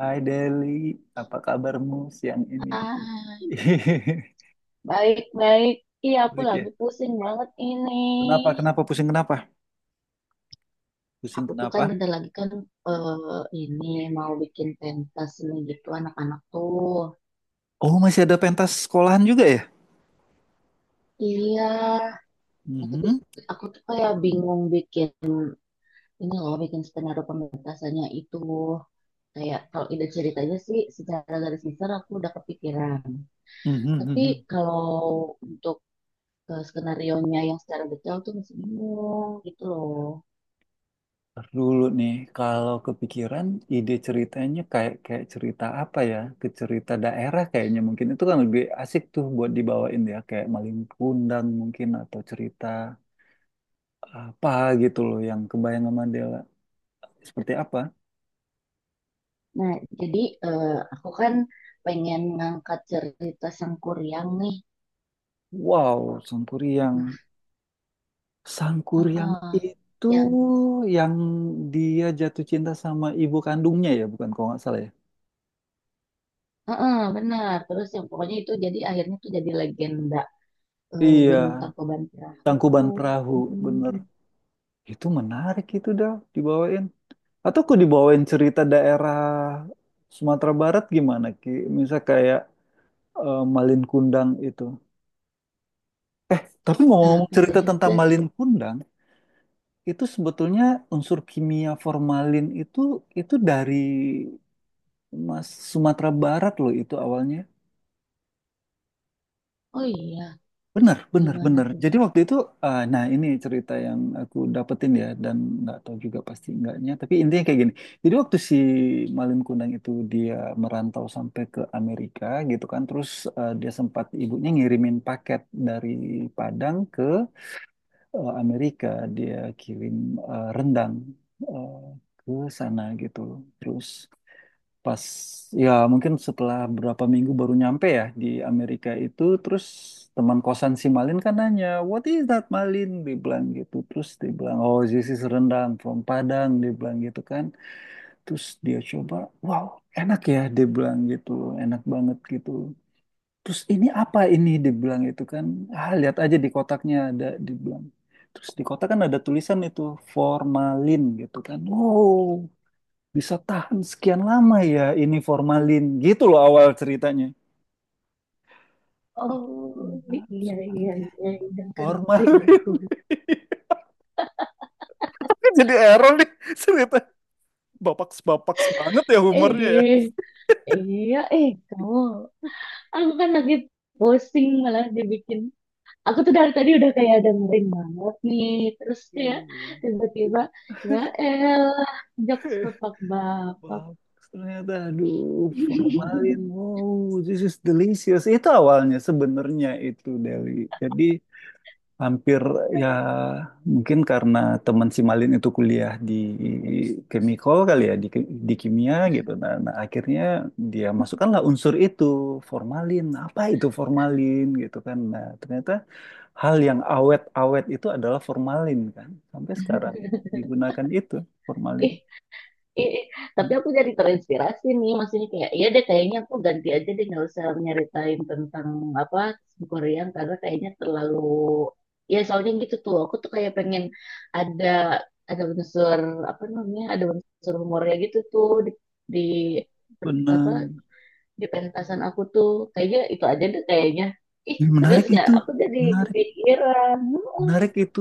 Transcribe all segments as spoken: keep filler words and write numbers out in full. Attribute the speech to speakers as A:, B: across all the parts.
A: Hai Deli, apa kabarmu siang ini?
B: Ah, baik-baik. Iya, aku
A: Baik
B: lagi
A: ya.
B: pusing banget ini.
A: Kenapa? Kenapa? Pusing kenapa? Pusing
B: Aku tuh kan
A: kenapa?
B: bentar lagi kan eh, ini mau bikin pentas nih gitu anak-anak tuh.
A: Oh, masih ada pentas sekolahan juga ya?
B: Iya, nah, tapi
A: Mhm.
B: aku tuh kayak bingung bikin ini loh, bikin skenario pementasannya itu. Kayak kalau ide ceritanya sih secara garis besar aku udah kepikiran.
A: Mhm,
B: Tapi
A: mhm.
B: kalau untuk eh, skenarionya yang secara detail tuh masih bingung gitu loh.
A: Ntar dulu nih, kalau kepikiran ide ceritanya kayak kayak cerita apa ya? Ke cerita daerah kayaknya mungkin itu kan lebih asik tuh buat dibawain ya, kayak Maling Kundang mungkin atau cerita apa gitu loh yang kebayang sama Dela. Seperti apa?
B: Nah, jadi eh, aku kan pengen ngangkat cerita Sangkuriang nih.
A: Wow, Sangkuriang.
B: Nah,
A: Sangkur yang
B: heeh,
A: itu,
B: yang
A: yang dia jatuh cinta sama ibu kandungnya ya, bukan kalau nggak salah ya.
B: heeh, benar. Terus yang pokoknya itu jadi akhirnya tuh jadi legenda eh,
A: Iya,
B: Gunung Tangkuban Perahu.
A: Tangkuban Perahu,
B: Mm-mm.
A: bener. Itu menarik itu dah dibawain. Atau aku dibawain cerita daerah Sumatera Barat gimana Ki? Misal kayak eh, Malin Kundang itu. Tapi
B: Nah,
A: ngomong-ngomong
B: bisa
A: cerita
B: juga
A: tentang Malin
B: sih.
A: Kundang, itu sebetulnya unsur kimia formalin itu itu dari Mas Sumatera Barat loh itu awalnya.
B: Oh iya,
A: Benar, benar,
B: gimana
A: benar.
B: tuh?
A: Jadi waktu itu, eh, nah ini cerita yang aku dapetin ya, dan nggak tahu juga pasti enggaknya, tapi intinya kayak gini. Jadi waktu si Malin Kundang itu dia merantau sampai ke Amerika gitu kan, terus eh, dia sempat ibunya ngirimin paket dari Padang ke eh, Amerika, dia kirim eh, rendang eh, ke sana gitu. Terus pas ya mungkin setelah berapa minggu baru nyampe ya di Amerika itu. Terus teman kosan si Malin kan nanya, "What is that, Malin?" dia bilang gitu. Terus dia bilang, "Oh, this is rendang from Padang," dia bilang gitu kan. Terus dia coba, "Wow, enak ya," dia bilang gitu, "enak banget gitu, terus ini apa ini?" dia bilang itu kan. "Ah, lihat aja di kotaknya ada," dia bilang. Terus di kotak kan ada tulisan itu formalin gitu kan. "Wow, bisa tahan sekian lama ya ini formalin," gitu loh awal ceritanya.
B: Oh
A: Enggak,
B: iya
A: absurd banget
B: iya
A: ya.
B: iya,
A: Ya.
B: udah ngerti
A: Formalin.
B: aku.
A: Jadi error nih cerita. Bapak-bapak banget ya humornya ya.
B: Eh iya, eh kamu, aku kan lagi posting malah dibikin aku tuh dari tadi udah kayak dengerin banget nih. Terus kayak
A: Iya.
B: tiba-tiba, ya elah, jokes bapak-bapak.
A: Wow, ternyata aduh formalin. Wow, this is delicious. Itu awalnya sebenarnya itu Deli. Jadi hampir ya mungkin karena teman si Malin itu kuliah di chemical kali ya, di, di kimia gitu. Nah, nah, akhirnya dia masukkanlah unsur itu formalin, apa itu formalin gitu kan. Nah, ternyata hal yang awet-awet itu adalah formalin kan, sampai sekarang digunakan itu formalin.
B: Ih, ih, ih. Tapi
A: Hmm,
B: aku jadi terinspirasi nih. Maksudnya kayak, iya deh kayaknya aku ganti aja deh nggak usah nyeritain tentang apa Korean karena kayaknya terlalu, ya soalnya gitu tuh aku tuh kayak pengen ada ada unsur apa namanya, ada unsur humornya gitu tuh di, di
A: benar.
B: apa di pentasan aku tuh kayaknya itu aja deh kayaknya, ih
A: Ih, menarik
B: serius ya
A: itu,
B: aku jadi
A: menarik.
B: kepikiran. Heeh.
A: Menarik itu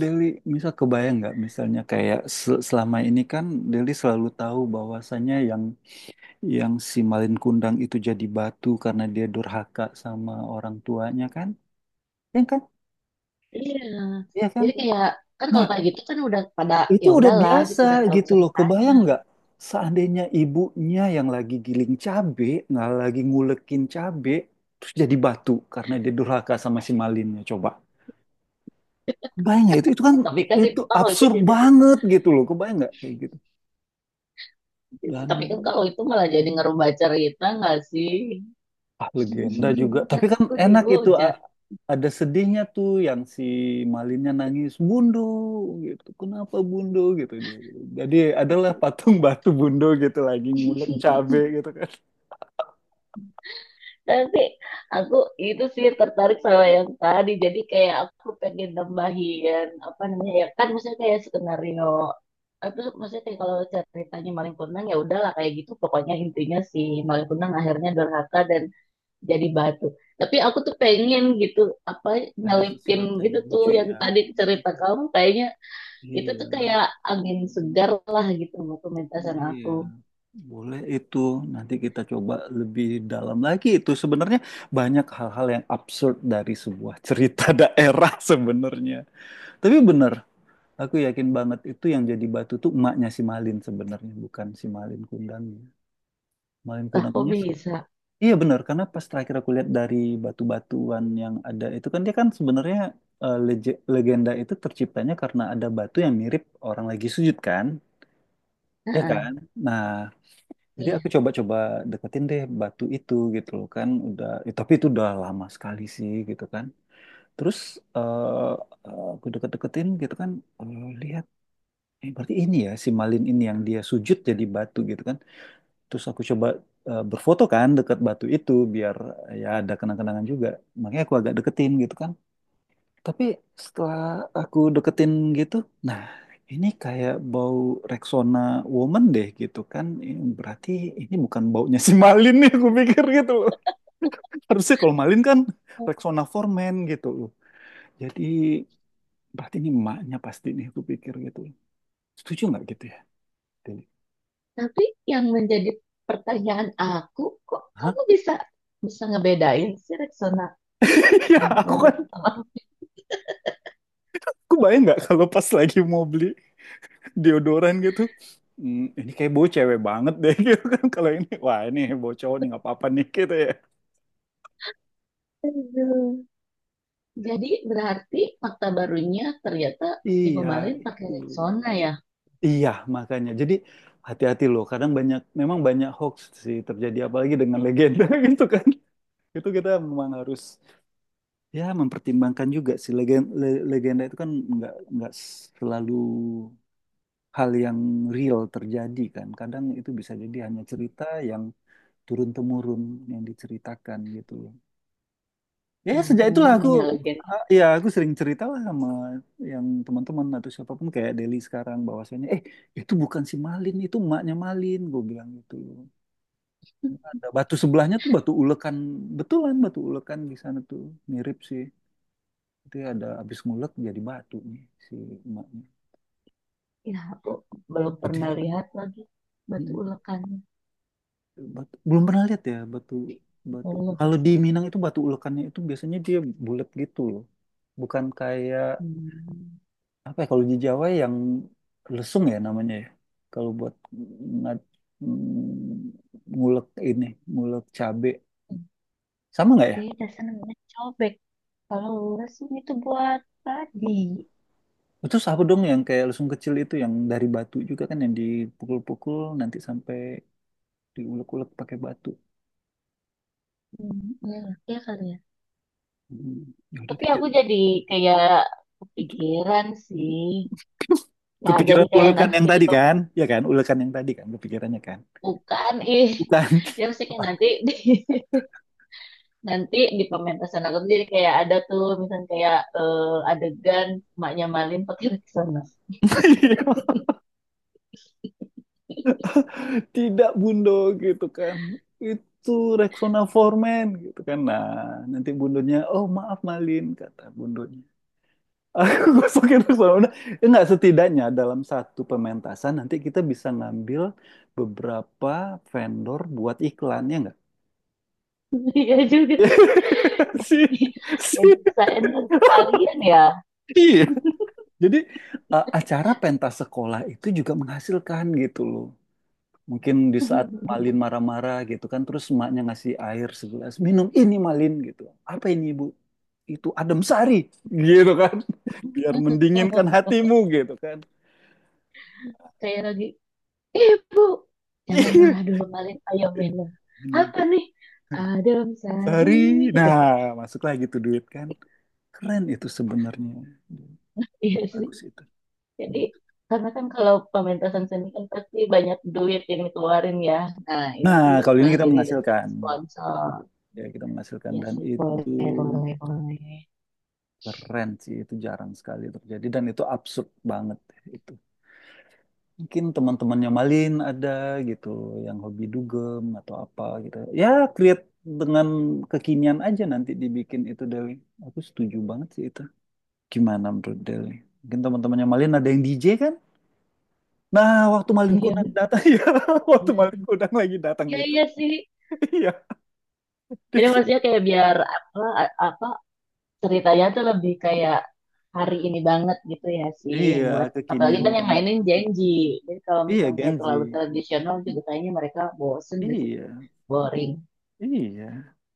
A: Deli, bisa kebayang nggak misalnya kayak se- selama ini kan Deli selalu tahu bahwasannya yang yang si Malin Kundang itu jadi batu karena dia durhaka sama orang tuanya kan? Ya kan?
B: Iya,
A: Iya kan?
B: jadi kayak kan kalau
A: Nah,
B: kayak gitu kan udah pada
A: itu
B: ya
A: udah
B: udahlah gitu
A: biasa
B: udah tahu
A: gitu loh.
B: ceritanya.
A: Kebayang nggak seandainya ibunya yang lagi giling cabe, nggak lagi ngulekin cabe, terus jadi batu karena dia durhaka sama si Malinnya coba. Kebayang nggak itu? Itu kan
B: Tapi kan
A: itu
B: itu kalau itu
A: absurd
B: jadi,
A: banget gitu loh. Kebayang nggak kayak gitu? Dan
B: tapi kan kalau itu malah jadi ngerubah cerita nggak sih?
A: ah legenda juga tapi
B: Kan
A: kan
B: aku
A: enak itu.
B: dihujat.
A: A- ada sedihnya tuh yang si Malinnya nangis bundo gitu, kenapa bundo gitu dia gitu. Jadi adalah patung batu bundo gitu lagi ngulek cabe gitu kan.
B: Tapi aku itu sih tertarik sama yang tadi. Jadi kayak aku pengen nambahin apa namanya ya kan, misalnya kayak skenario apa sih, maksudnya kayak kalau ceritanya maling kundang ya udahlah kayak gitu, pokoknya intinya si maling kundang akhirnya durhaka dan jadi batu. Tapi aku tuh pengen gitu apa
A: Ada
B: nyelipin
A: sesuatu yang
B: gitu tuh
A: lucu
B: yang
A: ya.
B: tadi cerita kamu, kayaknya itu
A: Iya,
B: tuh kayak angin segar lah gitu buat pementasan
A: iya,
B: aku.
A: boleh itu. Nanti kita coba lebih dalam lagi itu. Sebenarnya banyak hal-hal yang absurd dari sebuah cerita daerah sebenarnya, tapi bener. Aku yakin banget itu yang jadi batu tuh emaknya si Malin sebenarnya, bukan si Malin Kundangnya. Malin
B: Ah kok
A: Kundangnya, su-
B: bisa?
A: iya benar, karena pas terakhir aku lihat dari batu-batuan yang ada itu kan dia kan sebenarnya eh, lege- legenda itu terciptanya karena ada batu yang mirip orang lagi sujud kan, ya kan?
B: Heeh.
A: Nah, jadi
B: Iya.
A: aku coba-coba deketin deh batu itu gitu loh kan, udah, eh, tapi itu udah lama sekali sih gitu kan. Terus eh, eh, aku deket-deketin gitu kan, eh, lihat. Eh, berarti ini ya si Malin ini yang dia sujud jadi batu gitu kan. Terus aku coba eh, berfoto kan dekat batu itu biar eh, ya ada kenang-kenangan juga. Makanya aku agak deketin gitu kan. Tapi setelah aku deketin gitu, nah ini kayak bau Rexona Woman deh gitu kan. Ini berarti ini bukan baunya si Malin nih, aku pikir gitu loh. Harusnya kalau Malin kan Rexona Foreman gitu loh. Jadi berarti ini emaknya pasti nih, aku pikir gitu loh. Setuju nggak gitu ya? Deli?
B: Tapi yang menjadi pertanyaan aku, kok
A: Hah?
B: kamu bisa bisa ngebedain sih Rexona
A: Ya, aku
B: momen
A: kan,
B: sama?
A: aku bayang nggak kalau pas lagi mau beli deodoran gitu, "Hmm, ini kayak bau cewek banget deh," gitu kan. "Kalau ini, wah ini bau cowok nih, nggak apa-apa nih," gitu ya.
B: Aduh. Jadi berarti fakta barunya ternyata Ibu
A: Iya,
B: Malin pakai
A: itu.
B: Rexona ya?
A: Iya, makanya. Jadi hati-hati loh. Kadang banyak, memang banyak hoax sih terjadi, apalagi dengan legenda gitu kan. Itu kita memang harus ya mempertimbangkan juga sih. Legenda, legenda itu kan nggak nggak selalu hal yang real terjadi kan. Kadang itu bisa jadi hanya cerita yang turun temurun yang diceritakan gitu loh. Ya
B: Ya,
A: sejak
B: yang
A: itulah aku
B: namanya legenda.
A: eh, ya aku sering cerita lah sama yang teman-teman atau siapapun kayak Deli sekarang, bahwasanya eh itu bukan si Malin, itu emaknya Malin, gue bilang gitu loh. Ada batu sebelahnya tuh, batu ulekan, betulan batu ulekan di sana tuh, mirip sih. Itu ya ada habis ngulek jadi batu nih si emaknya.
B: Ya, aku belum
A: Gede.
B: pernah lihat lagi batu
A: Mm,
B: ulekannya.
A: batu- belum pernah lihat ya batu batu.
B: Belum.
A: Kalau di Minang itu batu ulekannya itu biasanya dia bulat gitu loh, bukan kayak
B: Hmm.
A: apa ya, kalau di Jawa yang lesung ya namanya ya. Kalau buat ngad- ngulek ini, ngulek cabe. Sama nggak ya?
B: Beda namanya cobek. Kalau lurus ini tuh buat tadi.
A: Itu apa dong yang kayak lesung kecil itu yang dari batu juga kan yang dipukul-pukul nanti sampai diulek-ulek pakai batu.
B: Hmm, ya iya kali ya.
A: Hmm, ya udah
B: Tapi
A: deh.
B: aku jadi kayak kepikiran sih. Ya, jadi
A: Kepikiran
B: kayak
A: ulekan yang
B: nanti di
A: tadi kan? Ya kan, ulekan yang tadi kan kepikirannya kan.
B: pemasukan ih.
A: Bukan.
B: Ya mesti kayak nanti di, nanti di pementasan aku tuh jadi kayak ada tuh misalnya kayak eh, adegan maknya Malin pakai sana.
A: Iya. Tidak Bundo gitu kan, itu Rexona Foreman gitu kan. Nah, nanti Bundonya, "Oh maaf Malin," kata Bundonya, "aku gosokin Rexona." Eh, enggak setidaknya dalam satu pementasan nanti kita bisa ngambil beberapa vendor buat iklan ya, enggak?
B: Iya juga sih.
A: si, si.
B: Jadi saya sekalian ya.
A: Iya. Jadi eh, acara pentas sekolah itu juga menghasilkan gitu loh. Mungkin di saat Malin marah-marah gitu kan, terus emaknya ngasih air segelas, "Minum ini Malin," gitu. "Apa ini Ibu?" "Itu adem sari," gitu kan. "Biar mendinginkan hatimu," gitu kan.
B: Kayak lagi, ibu, jangan
A: Iya,
B: marah dulu Malin, ayo minum.
A: minum
B: Apa nih? Adem sari
A: sari.
B: gitu.
A: Nah, masuklah gitu duit kan. Keren itu sebenarnya.
B: Iya,
A: Bagus itu.
B: jadi karena kan kalau pementasan seni kan pasti banyak duit yang dikeluarin ya. Nah, ini
A: Nah,
B: tuh
A: kalau ini
B: malah
A: kita
B: jadi dapet
A: menghasilkan.
B: sponsor.
A: Ya, kita menghasilkan
B: Ya
A: dan
B: sih, boleh,
A: itu
B: boleh, boleh.
A: keren sih, itu jarang sekali terjadi dan itu absurd banget. Itu mungkin teman-temannya Malin ada gitu yang hobi dugem atau apa gitu. Ya, create dengan kekinian aja nanti dibikin itu Dewi. Aku setuju banget sih itu. Gimana menurut Dewi? Mungkin teman-temannya Malin ada yang D J kan? Nah, waktu Malin
B: Iya,
A: Kundang datang, ya, waktu
B: iya, iya.
A: Malin Kundang lagi datang
B: Iya,
A: itu,
B: iya sih.
A: iya, dia
B: Jadi
A: kan-
B: maksudnya kayak biar apa, apa ceritanya tuh lebih kayak hari ini banget gitu ya sih,
A: iya,
B: buat apalagi
A: kekinian
B: kan yang
A: banget.
B: mainin janji. Jadi kalau
A: Iya,
B: misalnya kayak terlalu
A: Genzi.
B: tradisional juga kayaknya mereka bosen gitu,
A: Iya,
B: boring.
A: iya.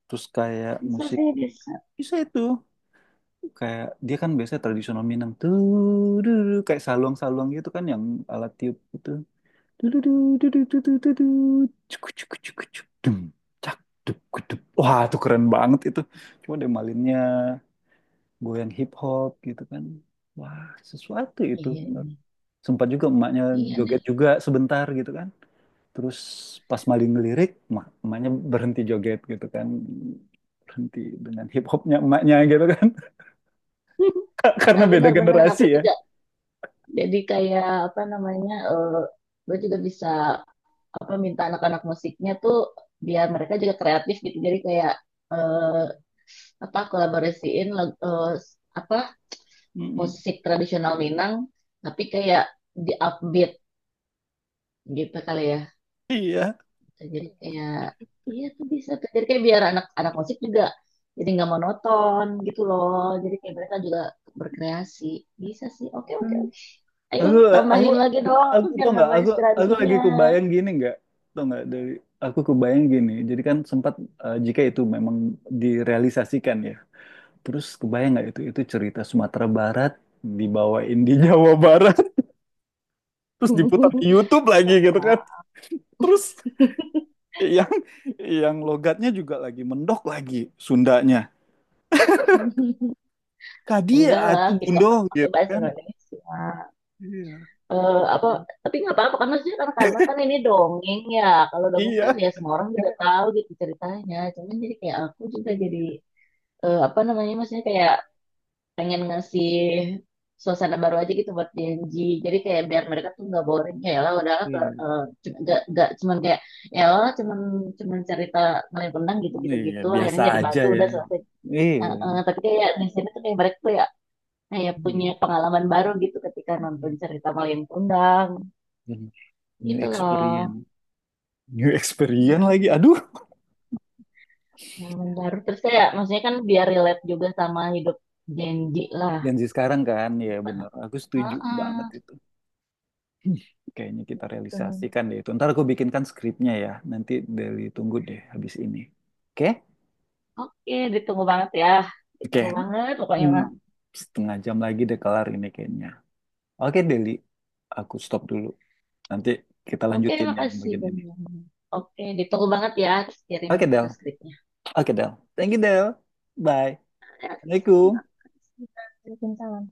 A: Terus kayak
B: Bisa
A: musik
B: sih, bisa.
A: bisa itu, kayak dia kan biasanya tradisional Minang tuh, duh, duh, duh, kayak saluang-saluang gitu kan yang alat tiup gitu. Duh, duh, duh, duh, duh, duh, duh, duh, duh. Cuk, cuk, cuk, cuk, dum, cak, duk, gudup. Wah itu keren banget itu, cuma dia malinnya goyang hip hop gitu kan. Wah, sesuatu itu
B: Iya,
A: bener. Sempat juga emaknya
B: iya nih.
A: joget juga sebentar gitu kan, terus pas malin ngelirik emak- emaknya berhenti joget gitu kan, berhenti dengan hip hopnya emaknya gitu kan, karena
B: Nah,
A: beda
B: benar-benar
A: generasi
B: aku
A: ya.
B: juga. Jadi kayak apa namanya, eh gue juga bisa apa minta anak-anak musiknya tuh biar mereka juga kreatif gitu. Jadi kayak eh apa kolaborasiin lag- eh, apa
A: Mm-mm.
B: musik tradisional Minang, tapi kayak di upbeat gitu kali ya.
A: Iya.
B: Jadi kayak iya tuh bisa tuh. Jadi kayak biar anak-anak musik juga jadi nggak monoton gitu loh. Jadi kayak mereka juga berkreasi. Bisa sih. Oke oke oke. Ayo
A: Aku aku
B: tambahin lagi dong aku
A: aku
B: biar
A: tau nggak?
B: nambah
A: Aku aku lagi
B: inspirasinya.
A: kebayang gini nggak? Tau nggak dari aku kebayang gini. Jadi kan sempat eh, jika itu memang direalisasikan ya. Terus kebayang nggak itu itu cerita Sumatera Barat dibawain di Jawa Barat, terus diputar di YouTube lagi gitu kan. Terus yang yang logatnya juga lagi mendok lagi Sundanya. "Kadia
B: Enggak lah,
A: atuh
B: kita
A: bundo,"
B: kan pakai
A: gitu
B: bahasa
A: kan.
B: Indonesia.
A: Iya.
B: Eh, apa? Tapi nggak apa-apa kan maksudnya karena, karena kan ini dongeng ya. Kalau dongeng kan
A: Iya.
B: ya semua orang juga tahu gitu ceritanya. Cuman jadi kayak aku juga jadi eh, apa namanya, maksudnya kayak pengen ngasih suasana baru aja gitu buat Gen. Jadi kayak biar mereka tuh nggak boring ya lah udahlah
A: Iya.
B: eh, cu- nggak nggak cuman kayak ya lah cuman cuman cerita ngelempeng gitu gitu
A: Iya,
B: gitu
A: biasa
B: akhirnya jadi
A: aja
B: batu
A: ya.
B: udah selesai.
A: Iya.
B: Eh, eh, tapi kayak di sini tuh kayak mereka tuh ya kayak punya
A: Iya.
B: pengalaman baru gitu ketika nonton cerita Malin Kundang
A: New
B: itu loh,
A: experience. New experience lagi. Aduh,
B: pengalaman baru. Terus saya maksudnya kan biar relate juga sama hidup Genji lah
A: Gen Z sekarang kan.
B: di
A: Ya
B: depan.
A: bener. Aku setuju banget
B: Heeh,
A: itu. Hmm, kayaknya kita
B: gitu,
A: realisasikan deh itu. Ntar aku bikinkan skripnya ya. Nanti Deli tunggu deh habis ini. Oke?
B: oke ditunggu banget ya,
A: Oke.
B: ditunggu banget pokoknya
A: Hmm,
B: mah.
A: setengah jam lagi deh kelar ini kayaknya. Oke Deli, aku stop dulu. Nanti kita
B: Oke
A: lanjutin yang
B: makasih
A: bagian ini.
B: banyak, oke ditunggu banget ya, terus kirim
A: Oke
B: itu
A: Del.
B: skripnya,
A: Oke Del. Thank you Del. Bye.
B: ya,
A: Assalamualaikum.
B: sama-sama. Waalaikumsalam.